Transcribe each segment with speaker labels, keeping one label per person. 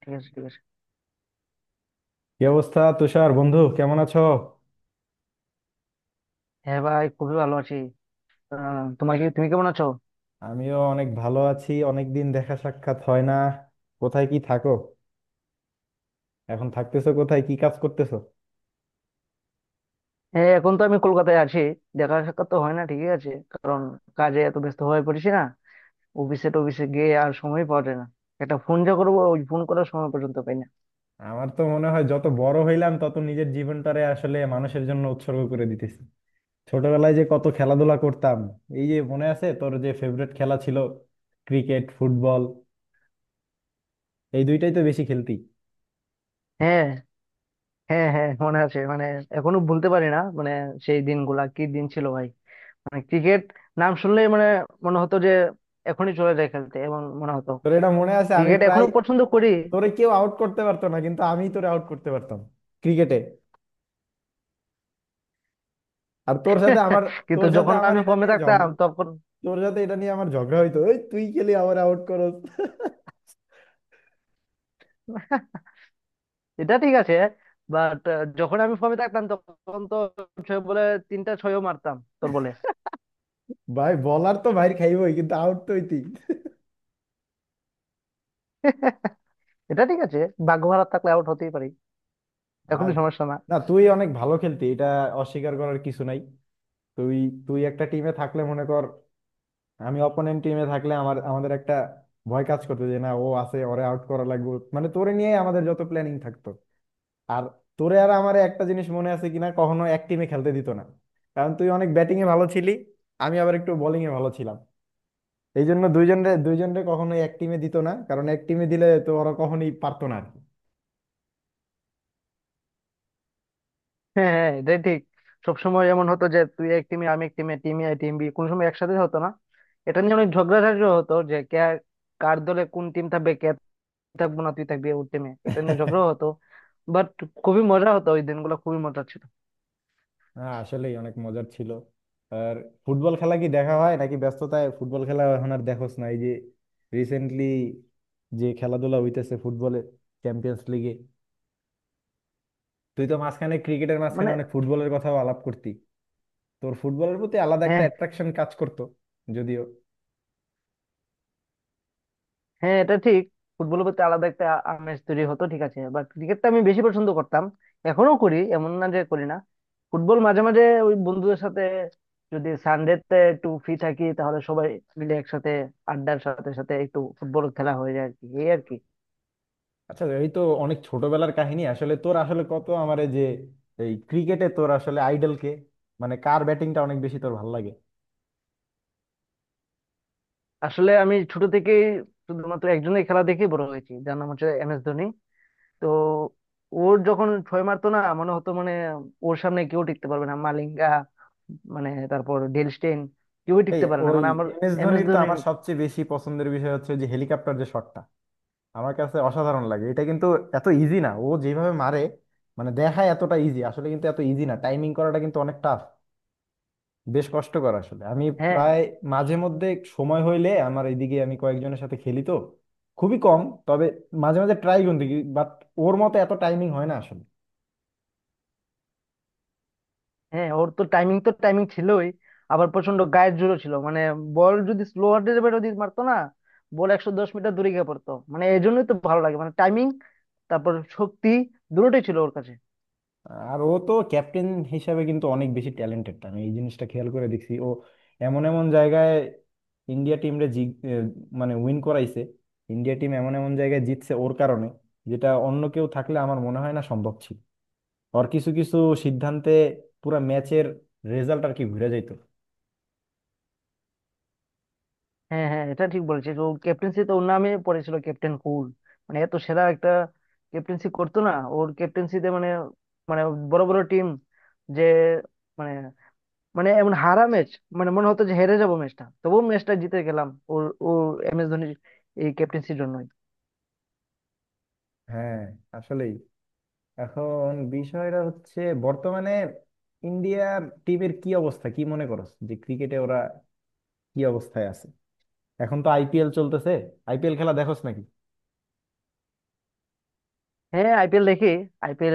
Speaker 1: ঠিক আছে, ঠিক আছে।
Speaker 2: কি অবস্থা তুষার? বন্ধু কেমন আছো?
Speaker 1: হ্যাঁ ভাই, খুবই ভালো আছি। তোমার কি তুমি কেমন আছো?
Speaker 2: আমিও অনেক ভালো আছি। অনেকদিন দেখা সাক্ষাৎ হয় না। কোথায় কি থাকো? এখন থাকতেছো কোথায়, কি কাজ করতেছো?
Speaker 1: হ্যাঁ এখন তো আমি কলকাতায় আছি। দেখা সাক্ষাৎ তো হয় না, ঠিকই আছে, কারণ কাজে এত ব্যস্ত হয়ে পড়েছি না, অফিসে টফিসে গিয়ে আর সময় পাওয়া যায় না। একটা ফোন যা করবো, ওই ফোন করার সময় পর্যন্ত পাই না।
Speaker 2: আমার তো মনে হয় যত বড় হইলাম তত নিজের জীবনটারে আসলে মানুষের জন্য উৎসর্গ করে দিতেছি। ছোটবেলায় যে কত খেলাধুলা করতাম। এই যে, মনে আছে তোর যে ফেভারিট খেলা ছিল ক্রিকেট, ফুটবল, এই দুইটাই তো বেশি খেলতি।
Speaker 1: হ্যাঁ হ্যাঁ হ্যাঁ, মনে আছে মানে। এখনো ভুলতে পারি না মানে। সেই দিনগুলা কি দিন ছিল ভাই। মানে ক্রিকেট নাম শুনলেই মানে মনে হতো যে এখনই চলে যায় খেলতে, এমন মনে হতো।
Speaker 2: তোর এটা মনে আছে, আমি
Speaker 1: ক্রিকেট
Speaker 2: প্রায়
Speaker 1: এখনো পছন্দ করি।
Speaker 2: তোরে কেউ আউট করতে পারতো না কিন্তু আমি তোরে আউট করতে পারতাম ক্রিকেটে। আর তোর সাথে আমার
Speaker 1: কিন্তু
Speaker 2: তোর সাথে
Speaker 1: যখন
Speaker 2: আমার
Speaker 1: আমি
Speaker 2: এটা
Speaker 1: ফর্মে
Speaker 2: নিয়ে ঝগড়া
Speaker 1: থাকতাম তখন।
Speaker 2: তোর সাথে এটা নিয়ে আমার ঝগড়া হইতো, ওই তুই খেলি আমার আউট করস।
Speaker 1: এটা ঠিক আছে, বাট যখন আমি ফর্মে থাকতাম তখন তো ছয় বলে তিনটা ছয়ও মারতাম তোর বলে।
Speaker 2: ভাই বলার তো ভাই, খাইবই কিন্তু আউট তো হইতেই।
Speaker 1: এটা ঠিক আছে। ভাগ্য ভালো থাকলে আউট হতেই পারি, এখনো
Speaker 2: আর,
Speaker 1: সমস্যা না।
Speaker 2: না, তুই অনেক ভালো খেলতি, এটা অস্বীকার করার কিছু নাই। তুই তুই একটা টিমে থাকলে, মনে কর আমি অপোনেন্ট টিমে থাকলে, আমাদের একটা ভয় কাজ করতো যে না, ও আছে, ওরে আউট করা লাগবে, মানে তোরে নিয়ে আমাদের যত প্ল্যানিং থাকতো। আর তোরে আর আমার একটা জিনিস মনে আছে কিনা, কখনো এক টিমে খেলতে দিত না, কারণ তুই অনেক ব্যাটিং এ ভালো ছিলি, আমি আবার একটু বোলিং এ ভালো ছিলাম। এই জন্য দুইজনরে দুইজনরে কখনোই এক টিমে দিত না, কারণ এক টিমে দিলে তো ওরা কখনোই পারতো না আর কি।
Speaker 1: হ্যাঁ হ্যাঁ এটাই ঠিক। সবসময় এমন হতো যে তুই এক টিমে আমি এক টিমে, টিম এ টিম বি কোনো সময় একসাথে হতো না। এটা নিয়ে অনেক ঝগড়াঝাটি হতো যে কে কার দলে কোন টিম থাকবে, কে থাকবো না তুই থাকবি ওর টিমে, এটা নিয়ে ঝগড়া হতো। বাট খুবই মজা হতো, ওই দিনগুলো খুবই মজা ছিল।
Speaker 2: হ্যাঁ, আসলেই অনেক মজার ছিল। আর ফুটবল খেলা কি দেখা হয় নাকি, ব্যস্ততায় ফুটবল খেলা এখন আর দেখোস না? এই যে রিসেন্টলি যে খেলাধুলা হইতেছে ফুটবলের, চ্যাম্পিয়ন্স লিগে। তুই তো মাঝখানে, ক্রিকেটের মাঝখানে,
Speaker 1: মানে।
Speaker 2: অনেক ফুটবলের কথাও আলাপ করতি। তোর ফুটবলের প্রতি আলাদা একটা
Speaker 1: হ্যাঁ
Speaker 2: অ্যাট্রাকশন কাজ করতো, যদিও।
Speaker 1: হ্যাঁ এটা ঠিক। ফুটবলের প্রতি আলাদা একটা আমেজ তৈরি হতো, ঠিক আছে, বাট ক্রিকেটটা আমি বেশি পছন্দ করতাম। এখনো করি, এমন না যে করি না। ফুটবল মাঝে মাঝে ওই বন্ধুদের সাথে, যদি সানডেতে একটু ফ্রি থাকি তাহলে সবাই মিলে একসাথে আড্ডার সাথে সাথে একটু ফুটবল খেলা হয়ে যায় আর কি, এই আর কি।
Speaker 2: আচ্ছা, এই তো অনেক ছোটবেলার কাহিনী। আসলে তোর আসলে কত আমার এই যে, এই ক্রিকেটে তোর আসলে আইডল কে? মানে কার ব্যাটিংটা অনেক বেশি তোর ভালো লাগে?
Speaker 1: আসলে আমি ছোট থেকেই শুধুমাত্র একজনের খেলা দেখে বড় হয়েছি, যার নাম হচ্ছে এম এস ধোনি। তো ওর যখন ছয় মারতো না, মনে হতো মানে ওর সামনে কেউ টিকতে পারবে না। মালিঙ্গা, মানে তারপর ডেল স্টেইন, কেউই
Speaker 2: এই
Speaker 1: টিকতে পারে না
Speaker 2: ওই
Speaker 1: মানে আমার।
Speaker 2: এম এস
Speaker 1: এম এস
Speaker 2: ধোনির তো
Speaker 1: ধোনি।
Speaker 2: আমার সবচেয়ে বেশি পছন্দের বিষয় হচ্ছে যে হেলিকপ্টার যে শটটা, আমার কাছে অসাধারণ লাগে। এটা কিন্তু এত ইজি না ও যেভাবে মারে। মানে দেখায় এতটা ইজি আসলে, কিন্তু এত ইজি না, টাইমিং করাটা কিন্তু অনেক টাফ, বেশ কষ্টকর। আসলে আমি
Speaker 1: হ্যাঁ
Speaker 2: প্রায় মাঝে মধ্যে সময় হইলে, আমার এইদিকে আমি কয়েকজনের সাথে খেলি তো, খুবই কম। তবে মাঝে মাঝে ট্রাই কিন্তু, বাট ওর মতো এত টাইমিং হয় না আসলে।
Speaker 1: হ্যাঁ ওর তো টাইমিং তো টাইমিং ছিলই। আবার প্রচন্ড গায়ের জোরও ছিল মানে। বল যদি স্লো হার্ডের ব্যাটও দিয়ে মারতো না, বল 110 মিটার দূরে গিয়ে পড়তো। মানে এই জন্যই তো ভালো লাগে, মানে টাইমিং, তারপর শক্তি, দুটোই ছিল ওর কাছে।
Speaker 2: আর ও তো ক্যাপ্টেন হিসাবে কিন্তু অনেক বেশি ট্যালেন্টেড, আমি এই জিনিসটা খেয়াল করে দেখছি। ও এমন এমন জায়গায় ইন্ডিয়া টিমরে এ, মানে উইন করাইছে, ইন্ডিয়া টিম এমন এমন জায়গায় জিতছে ওর কারণে, যেটা অন্য কেউ থাকলে আমার মনে হয় না সম্ভব ছিল। ওর কিছু কিছু সিদ্ধান্তে পুরা ম্যাচের রেজাল্ট আর কি ঘুরে যেত।
Speaker 1: হ্যাঁ হ্যাঁ এটা ঠিক বলেছিস, ও ক্যাপ্টেন্সি তো ওর নামে পড়েছিল ক্যাপ্টেন কুল। মানে এত সেরা একটা ক্যাপ্টেন্সি করতো না, ওর ক্যাপ্টেন্সিতে মানে, মানে বড় বড় টিম যে, মানে, মানে এমন হারা ম্যাচ মানে মনে হতো যে হেরে যাবো ম্যাচটা, তবুও ম্যাচটা জিতে গেলাম ওর, ও এম এস ধোনির এই ক্যাপ্টেন্সির জন্যই।
Speaker 2: হ্যাঁ, আসলেই। এখন বিষয়টা হচ্ছে, বর্তমানে ইন্ডিয়া টিমের কি অবস্থা, কি মনে করো, যে ক্রিকেটে ওরা কি অবস্থায় আছে? এখন তো আইপিএল চলতেছে, আইপিএল খেলা দেখোস নাকি?
Speaker 1: হ্যাঁ, আইপিএল দেখি। আইপিএল,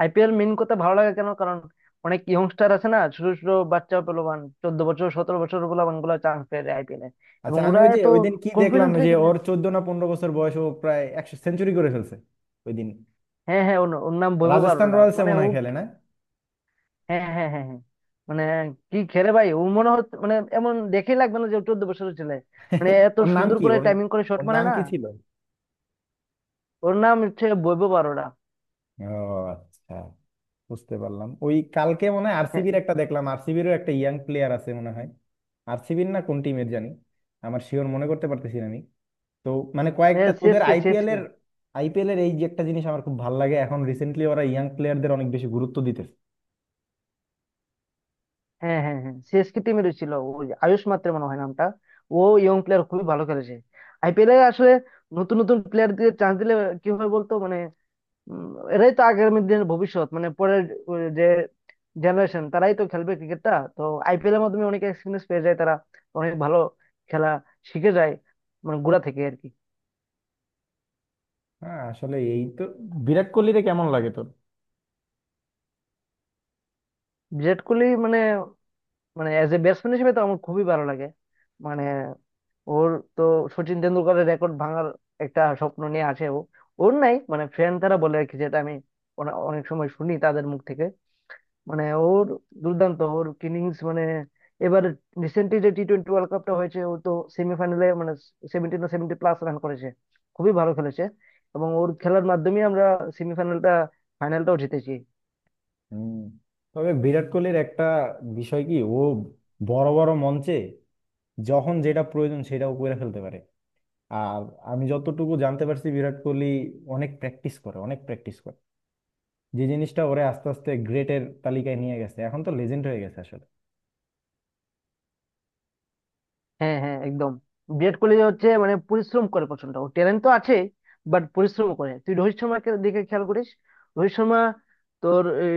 Speaker 1: আইপিএল মেন কথা ভালো লাগে কেন, কারণ অনেক ইয়ংস্টার আছে না, ছোট ছোট বাচ্চা পোলাপান 14 বছর 17 বছর পোলাপান গুলো চান্স পেয়ে আইপিএল এ।
Speaker 2: আচ্ছা,
Speaker 1: এবং
Speaker 2: আমি
Speaker 1: ওরা
Speaker 2: ওই যে
Speaker 1: এত
Speaker 2: ওই দিন কি দেখলাম,
Speaker 1: কনফিডেন্টলি
Speaker 2: যে
Speaker 1: খেলে।
Speaker 2: ওর 14 না 15 বছর বয়স, ও প্রায় 100 সেঞ্চুরি করে ফেলছে ওই দিন।
Speaker 1: হ্যাঁ হ্যাঁ, ওর ওর নাম বৈভব
Speaker 2: রাজস্থান
Speaker 1: অরোরা,
Speaker 2: রয়্যালস
Speaker 1: মানে
Speaker 2: মনে
Speaker 1: ও,
Speaker 2: হয় খেলে না?
Speaker 1: হ্যাঁ হ্যাঁ হ্যাঁ হ্যাঁ, মানে কি খেলে ভাই, ও মনে হচ্ছে মানে, এমন দেখেই লাগবে না যে ও 14 বছরের ছেলে। মানে এত
Speaker 2: ওর নাম
Speaker 1: সুন্দর
Speaker 2: কি
Speaker 1: করে
Speaker 2: ওর
Speaker 1: টাইমিং করে শট
Speaker 2: ওর
Speaker 1: মারে
Speaker 2: নাম
Speaker 1: না।
Speaker 2: কি ছিল?
Speaker 1: ওর নাম হচ্ছে বৈভব অরোরা।
Speaker 2: ও, আচ্ছা, বুঝতে পারলাম। ওই কালকে মনে হয়
Speaker 1: হ্যাঁ
Speaker 2: আরসিবির একটা দেখলাম, আরসিবিরও একটা ইয়াং প্লেয়ার আছে মনে হয়। আরসিবির না কোন টিমের জানি, আমার শিওর মনে করতে পারতেছি না আমি। তো, মানে কয়েকটা
Speaker 1: হ্যাঁ
Speaker 2: তোদের
Speaker 1: সিএসকে
Speaker 2: আইপিএল
Speaker 1: সিএসকে।
Speaker 2: এর, আইপিএল এর এই যে একটা জিনিস আমার খুব ভালো লাগে, এখন রিসেন্টলি ওরা ইয়াং প্লেয়ারদের অনেক বেশি গুরুত্ব দিতেছে।
Speaker 1: হ্যাঁ হ্যাঁ হ্যাঁ সিএসকে টিমের ছিল ওই আয়ুষ মাত্রে মনে হয় নামটা। ও ইয়ং প্লেয়ার খুবই ভালো খেলেছে আইপিএলে। আসলে নতুন নতুন প্লেয়ার দিয়ে চান্স দিলে কি হয় বলতো, মানে উম, এরাই তো আগামী দিনের ভবিষ্যৎ, মানে পরের যে জেনারেশন, তারাই তো খেলবে ক্রিকেটটা তো। আইপিএল এর মাধ্যমে অনেক এক্সপিরিয়েন্স পেয়ে যায় তারা, অনেক ভালো খেলা শিখে যায় মানে গোড়া থেকে আর কি।
Speaker 2: হ্যাঁ, আসলে এই তো, বিরাট কোহলিরে কেমন লাগে তোর?
Speaker 1: বিরাট কোহলি মানে, মানে অ্যাজ এ ব্যাটসম্যান হিসেবে তো আমার খুবই ভালো লাগে। মানে ওর তো সচিন তেন্ডুলকরের রেকর্ড ভাঙার একটা স্বপ্ন নিয়ে আছে ও। ওর নাই মানে ফ্রেন্ড তারা বলে আর কি, যেটা আমি অনেক সময় শুনি তাদের মুখ থেকে। মানে ওর দুর্দান্ত ওর কিনিংস মানে। এবার রিসেন্টলি যে টি টোয়েন্টি ওয়ার্ল্ড কাপটা হয়েছে, ও তো সেমিফাইনালে মানে 70 না 70+ রান করেছে, খুবই ভালো খেলেছে। এবং ওর খেলার মাধ্যমে আমরা সেমিফাইনালটা, ফাইনালটাও জিতেছি।
Speaker 2: হুম। তবে বিরাট কোহলির একটা বিষয় কি, ও বড় বড় মঞ্চে যখন যেটা প্রয়োজন সেটাও করে ফেলতে পারে। আর আমি যতটুকু জানতে পারছি, বিরাট কোহলি অনেক প্র্যাকটিস করে, অনেক প্র্যাকটিস করে, যে জিনিসটা ওরে আস্তে আস্তে গ্রেটের তালিকায় নিয়ে গেছে, এখন তো লেজেন্ড হয়ে গেছে আসলে।
Speaker 1: হ্যাঁ হ্যাঁ একদম। বিরাট কোহলি হচ্ছে মানে পরিশ্রম করে প্রচন্ড, ওর ট্যালেন্ট তো আছে, বাট পরিশ্রম করে। তুই রোহিত শর্মাকে দিকে খেয়াল করিস, রোহিত শর্মা, তোর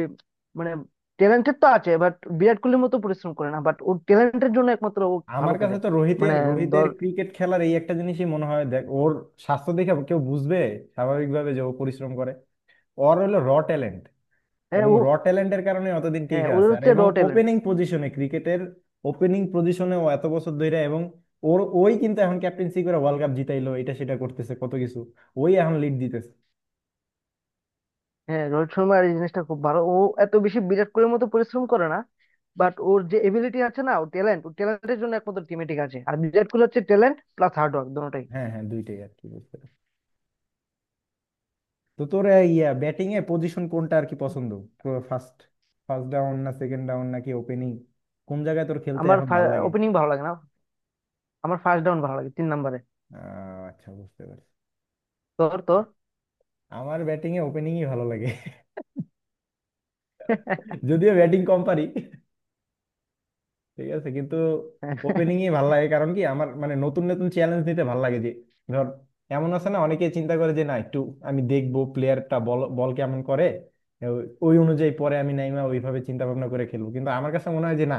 Speaker 1: মানে ট্যালেন্টেড তো আছে বাট বিরাট কোহলির মতো পরিশ্রম করে না, বাট ওর ট্যালেন্টের জন্য একমাত্র ও ভালো
Speaker 2: আমার
Speaker 1: খেলে
Speaker 2: কাছে তো রোহিতের
Speaker 1: মানে।
Speaker 2: রোহিতের ক্রিকেট খেলার এই একটা জিনিসই মনে হয়, দেখ ওর স্বাস্থ্য দেখে কেউ বুঝবে স্বাভাবিকভাবে যে ও পরিশ্রম করে? ওর হলো র ট্যালেন্ট,
Speaker 1: হ্যাঁ
Speaker 2: এবং
Speaker 1: ও।
Speaker 2: র ট্যালেন্টের কারণে অতদিন
Speaker 1: হ্যাঁ
Speaker 2: টিকে
Speaker 1: ওদের
Speaker 2: আছে। আর,
Speaker 1: হচ্ছে র
Speaker 2: এবং
Speaker 1: ট্যালেন্ট।
Speaker 2: ওপেনিং পজিশনে ক্রিকেটের ওপেনিং পজিশনে ও এত বছর ধরে, এবং ওর ওই কিন্তু এখন ক্যাপ্টেন্সি করে ওয়ার্ল্ড কাপ জিতাইলো, এটা সেটা করতেছে কত কিছু, ওই এখন লিড দিতেছে।
Speaker 1: হ্যাঁ রোহিত শর্মার এই জিনিসটা খুব ভালো। ও এত বেশি বিরাট কোহলির মতো পরিশ্রম করে না, বাট ওর যে এবিলিটি আছে না, ও ট্যালেন্ট, ও ট্যালেন্টের জন্য একমাত্র টিমে, ঠিক আছে। আর বিরাট কোহলি হচ্ছে ট্যালেন্ট প্লাস হার্ড ওয়ার্ক দুটোই।
Speaker 2: হ্যাঁ, হ্যাঁ, দুইটাই আর কি বলতে পারি। তো তোর এই, ইয়া ব্যাটিং এ পজিশন কোনটা আর কি পছন্দ? ফার্স্ট ফার্স্ট ডাউন না সেকেন্ড ডাউন নাকি ওপেনিং, কোন জায়গায় তোর খেলতে
Speaker 1: আমার
Speaker 2: এখন ভাল লাগে?
Speaker 1: ওপেনিং ভালো লাগে না, আমার ফার্স্ট ডাউন ভালো লাগে, তিন নম্বরে।
Speaker 2: আচ্ছা, বুঝতে পারছি।
Speaker 1: তোর তোর।
Speaker 2: আমার ব্যাটিং এ ওপেনিংই ভালো লাগে। যদিও ব্যাটিং কম পারি, ঠিক আছে, কিন্তু ওপেনিং ই ভালো লাগে। কারণ কি, আমার মানে নতুন নতুন চ্যালেঞ্জ নিতে ভালো লাগে। যে ধর, এমন আছে না, অনেকে চিন্তা করে যে না, একটু আমি দেখবো প্লেয়ারটা বল বল কেমন করে, ওই অনুযায়ী পরে আমি নাইমা ওইভাবে চিন্তা ভাবনা করে খেলবো, কিন্তু আমার কাছে মনে হয় যে না,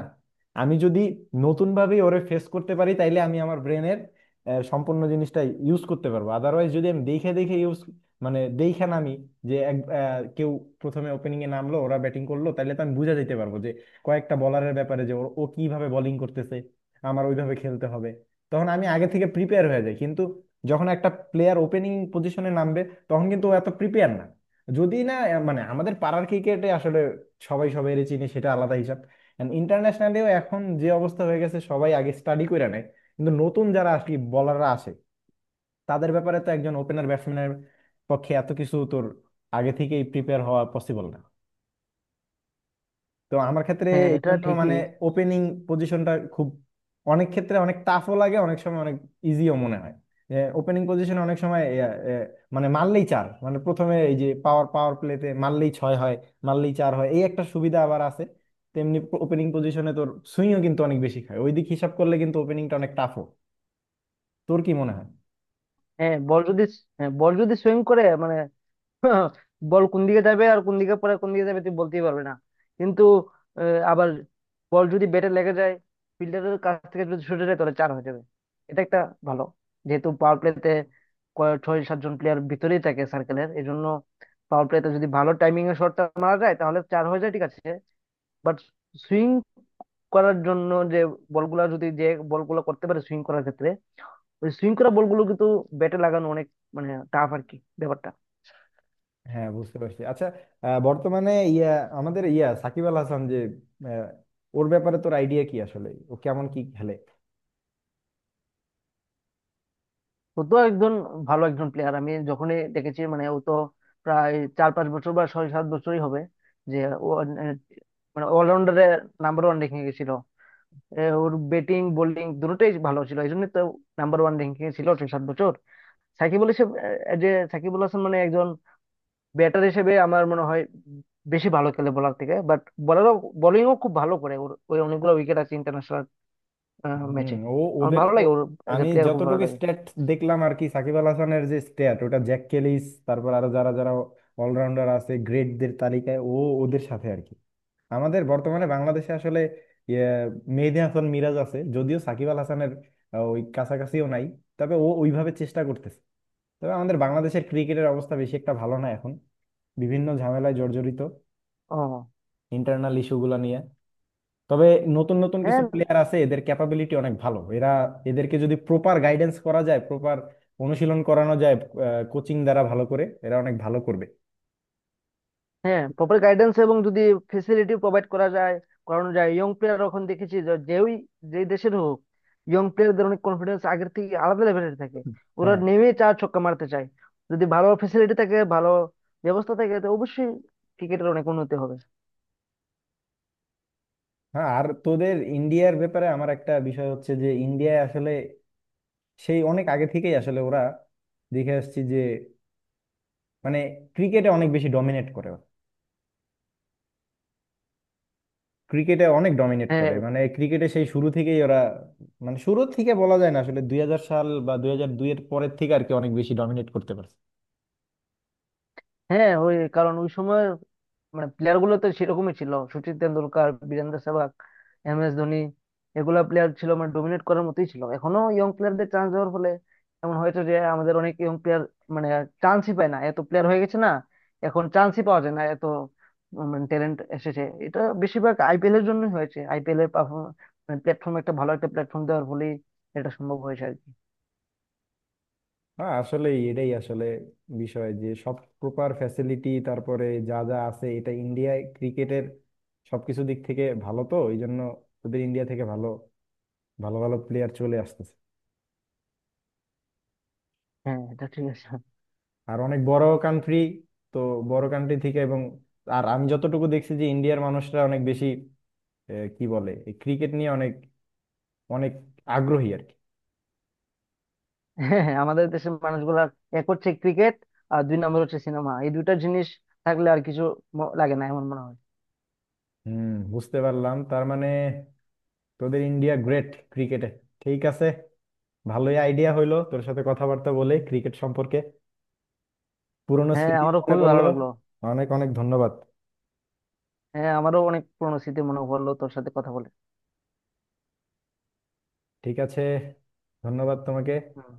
Speaker 2: আমি যদি নতুন ভাবে ওরে ফেস করতে পারি তাইলে আমি আমার ব্রেনের সম্পূর্ণ জিনিসটা ইউজ করতে পারবো। আদারওয়াইজ যদি আমি দেখে দেখে ইউজ মানে দেখে নামি, যে কেউ প্রথমে ওপেনিং এ নামলো, ওরা ব্যাটিং করলো, তাহলে তো আমি বুঝা যেতে পারবো কয়েকটা বলারের ব্যাপারে যে ওর ও কিভাবে বোলিং করতেছে, আমার ওইভাবে খেলতে হবে, তখন আমি আগে থেকে প্রিপেয়ার হয়ে যাই। কিন্তু যখন একটা প্লেয়ার ওপেনিং পজিশনে নামবে তখন কিন্তু ও এত প্রিপেয়ার না, যদি না মানে আমাদের পাড়ার ক্রিকেটে আসলে সবাই সবাই চিনি, সেটা আলাদা হিসাব। ইন্টারন্যাশনালিও এখন যে অবস্থা হয়ে গেছে, সবাই আগে স্টাডি করে নেয়, কিন্তু নতুন যারা আসলে বলাররা আসে, তাদের ব্যাপারে তো একজন ওপেনার ব্যাটসম্যানের পক্ষে এত কিছু তোর আগে থেকেই প্রিপেয়ার হওয়া পসিবল না। তো আমার ক্ষেত্রে
Speaker 1: হ্যাঁ
Speaker 2: এই
Speaker 1: এটা
Speaker 2: জন্য মানে
Speaker 1: ঠিকই।
Speaker 2: ওপেনিং পজিশনটা খুব অনেক ক্ষেত্রে অনেক টাফও লাগে, অনেক সময় অনেক ইজিও মনে হয়, যে ওপেনিং পজিশনে অনেক সময় এ, এ, মানে মারলেই চার, মানে প্রথমে এই যে পাওয়ার পাওয়ার প্লেতে মারলেই ছয় হয়, মারলেই চার হয়, এই একটা সুবিধা আবার আছে। তেমনি ওপেনিং পজিশনে তোর সুইংও কিন্তু অনেক বেশি খায়, ওই দিক হিসাব করলে কিন্তু ওপেনিংটা অনেক টাফও, তোর কি মনে হয়?
Speaker 1: হ্যাঁ বল যদি হ্যাঁ বল যদি সুইং করে মানে, বল কোন দিকে যাবে আর কোন দিকে পরে কোন দিকে যাবে তুই বলতেই পারবে না। কিন্তু আবার বল যদি ব্যাটে লেগে যায়, ফিল্ডারের কাছ থেকে যদি ছুটে যায় তাহলে চার হয়ে যাবে। এটা একটা ভালো, যেহেতু পাওয়ার প্লেতে ছয় সাতজন প্লেয়ার ভিতরেই থাকে সার্কেলের, এই জন্য পাওয়ার প্লেতে যদি ভালো টাইমিং এ শটটা মারা যায় তাহলে চার হয়ে যায়, ঠিক আছে। বাট সুইং করার জন্য যে বলগুলা যদি, যে বলগুলো করতে পারে সুইং করার ক্ষেত্রে, ওই সুইং করা বলগুলো কিন্তু ব্যাটে লাগানো অনেক, মানে টাফ আর কি ব্যাপারটা।
Speaker 2: হ্যাঁ, বুঝতে পারছি। আচ্ছা, বর্তমানে আমাদের সাকিব আল হাসান যে, ওর ব্যাপারে তোর আইডিয়া কি, আসলে ও কেমন কি খেলে?
Speaker 1: ও তো একজন ভালো একজন প্লেয়ার। আমি যখনই দেখেছি মানে, ও তো প্রায় চার পাঁচ বছর বা ছয় সাত বছরই হবে যে ও, মানে অলরাউন্ডারে নাম্বার ওয়ান র্যাঙ্কিং এ ছিল। ওর ব্যাটিং বোলিং দুটোই ভালো ছিল, এই জন্য তো নাম্বার ওয়ান র্যাঙ্কিং এ ছিল ছয় সাত বছর সাকিবুল হিসেবে। যে সাকিবুল হাসান মানে একজন ব্যাটার হিসেবে আমার মনে হয় বেশি ভালো খেলে বলার থেকে, বাট বলারও, বোলিংও খুব ভালো করে। ওর ওই অনেকগুলো উইকেট আছে ইন্টারন্যাশনাল
Speaker 2: হুম।
Speaker 1: ম্যাচে। আমার ভালো লাগে ওর, এজ এ
Speaker 2: আমি
Speaker 1: প্লেয়ার খুব ভালো
Speaker 2: যতটুকু
Speaker 1: লাগে।
Speaker 2: স্ট্যাট দেখলাম আর কি, সাকিব আল হাসানের যে স্ট্যাট, ওটা জ্যাক কেলিস, তারপর আরো যারা যারা অলরাউন্ডার আছে গ্রেটদের তালিকায়, ও ওদের সাথে আর কি। আমাদের বর্তমানে বাংলাদেশে আসলে ইয়ে, মেহেদী হাসান মিরাজ আছে, যদিও সাকিব আল হাসানের ওই কাছাকাছিও নাই, তবে ও ওইভাবে চেষ্টা করতেছে। তবে আমাদের বাংলাদেশের ক্রিকেটের অবস্থা বেশি একটা ভালো না এখন, বিভিন্ন ঝামেলায় জর্জরিত
Speaker 1: ও।
Speaker 2: ইন্টারনাল ইস্যুগুলো নিয়ে। তবে নতুন নতুন কিছু
Speaker 1: হ্যাঁ
Speaker 2: প্লেয়ার আছে, এদের ক্যাপাবিলিটি অনেক ভালো, এরা, এদেরকে যদি প্রপার গাইডেন্স করা যায়, প্রপার অনুশীলন করানো যায়, কোচিং দ্বারা ভালো করে, এরা অনেক ভালো করবে।
Speaker 1: হ্যাঁ প্রপার গাইডেন্স এবং যদি ফেসিলিটি প্রোভাইড করা যায়, করানো যায় ইয়ং প্লেয়ার, এখন দেখেছি যে যেই, যে দেশের হোক ইয়ং প্লেয়ারদের অনেক কনফিডেন্স আগের থেকে আলাদা লেভেলের থাকে। ওরা
Speaker 2: হ্যাঁ,
Speaker 1: নেমে চার ছক্কা মারতে চায়। যদি ভালো ফেসিলিটি থাকে, ভালো ব্যবস্থা থাকে, তো অবশ্যই ক্রিকেটের অনেক উন্নতি হবে।
Speaker 2: হ্যাঁ। আর তোদের ইন্ডিয়ার ব্যাপারে আমার একটা বিষয় হচ্ছে যে, ইন্ডিয়ায় আসলে সেই অনেক আগে থেকেই আসলে ওরা, দেখে আসছি যে মানে ক্রিকেটে অনেক বেশি ডমিনেট করে, ক্রিকেটে অনেক ডমিনেট
Speaker 1: হ্যাঁ
Speaker 2: করে, মানে ক্রিকেটে সেই শুরু থেকেই ওরা, মানে শুরু থেকে বলা যায় না আসলে, 2000 সাল বা 2002 এর পরের থেকে আর কি অনেক বেশি ডমিনেট করতে পারে।
Speaker 1: হ্যাঁ ওই কারণ ওই সময় মানে প্লেয়ার গুলো তো সেরকমই ছিল, সচিন তেন্ডুলকার, বীরেন্দ্র সেহবাগ, এম এস ধোনি, এগুলা প্লেয়ার ছিল মানে ডোমিনেট করার মতোই ছিল। এখনো ইয়ং প্লেয়ারদের চান্স দেওয়ার ফলে এমন হয়েছে যে আমাদের অনেক ইয়ং প্লেয়ার মানে চান্সই পায় না, এত প্লেয়ার হয়ে গেছে না, এখন চান্সই পাওয়া যায় না। এত মানে ট্যালেন্ট এসেছে, এটা বেশিরভাগ আইপিএল এর জন্যই হয়েছে, আইপিএল এর পারফরমেন্স প্ল্যাটফর্ম একটা ভালো একটা প্ল্যাটফর্ম দেওয়ার ফলেই এটা সম্ভব হয়েছে আর কি।
Speaker 2: হ্যাঁ, আসলে এটাই আসলে বিষয়, যে সব প্রকার ফ্যাসিলিটি, তারপরে যা যা আছে এটা ইন্ডিয়ায় ক্রিকেটের সবকিছু দিক থেকে ভালো, তো এই জন্য ওদের ইন্ডিয়া থেকে ভালো ভালো ভালো প্লেয়ার চলে আসতেছে।
Speaker 1: হ্যাঁ এটা ঠিক আছে।
Speaker 2: আর অনেক বড় কান্ট্রি, তো বড় কান্ট্রি থেকে, এবং আর আমি যতটুকু দেখছি যে ইন্ডিয়ার মানুষরা অনেক বেশি কি বলে, এই ক্রিকেট নিয়ে অনেক অনেক আগ্রহী আর কি।
Speaker 1: হ্যাঁ হ্যাঁ আমাদের দেশের মানুষগুলা এক হচ্ছে ক্রিকেট আর দুই নম্বর হচ্ছে সিনেমা, এই দুইটা জিনিস থাকলে আর কিছু লাগে না, এমন মনে হয়।
Speaker 2: হুম, বুঝতে পারলাম। তার মানে তোদের ইন্ডিয়া গ্রেট ক্রিকেটে, ঠিক আছে। ভালোই আইডিয়া হইলো তোর সাথে কথাবার্তা বলে ক্রিকেট সম্পর্কে, পুরনো
Speaker 1: হ্যাঁ
Speaker 2: স্মৃতিও
Speaker 1: আমারও
Speaker 2: মনে
Speaker 1: খুবই ভালো
Speaker 2: পড়লো।
Speaker 1: লাগলো।
Speaker 2: অনেক অনেক ধন্যবাদ।
Speaker 1: হ্যাঁ আমারও অনেক পুরনো স্মৃতি মনে পড়লো তোর সাথে কথা বলে।
Speaker 2: ঠিক আছে, ধন্যবাদ তোমাকে।
Speaker 1: হুম।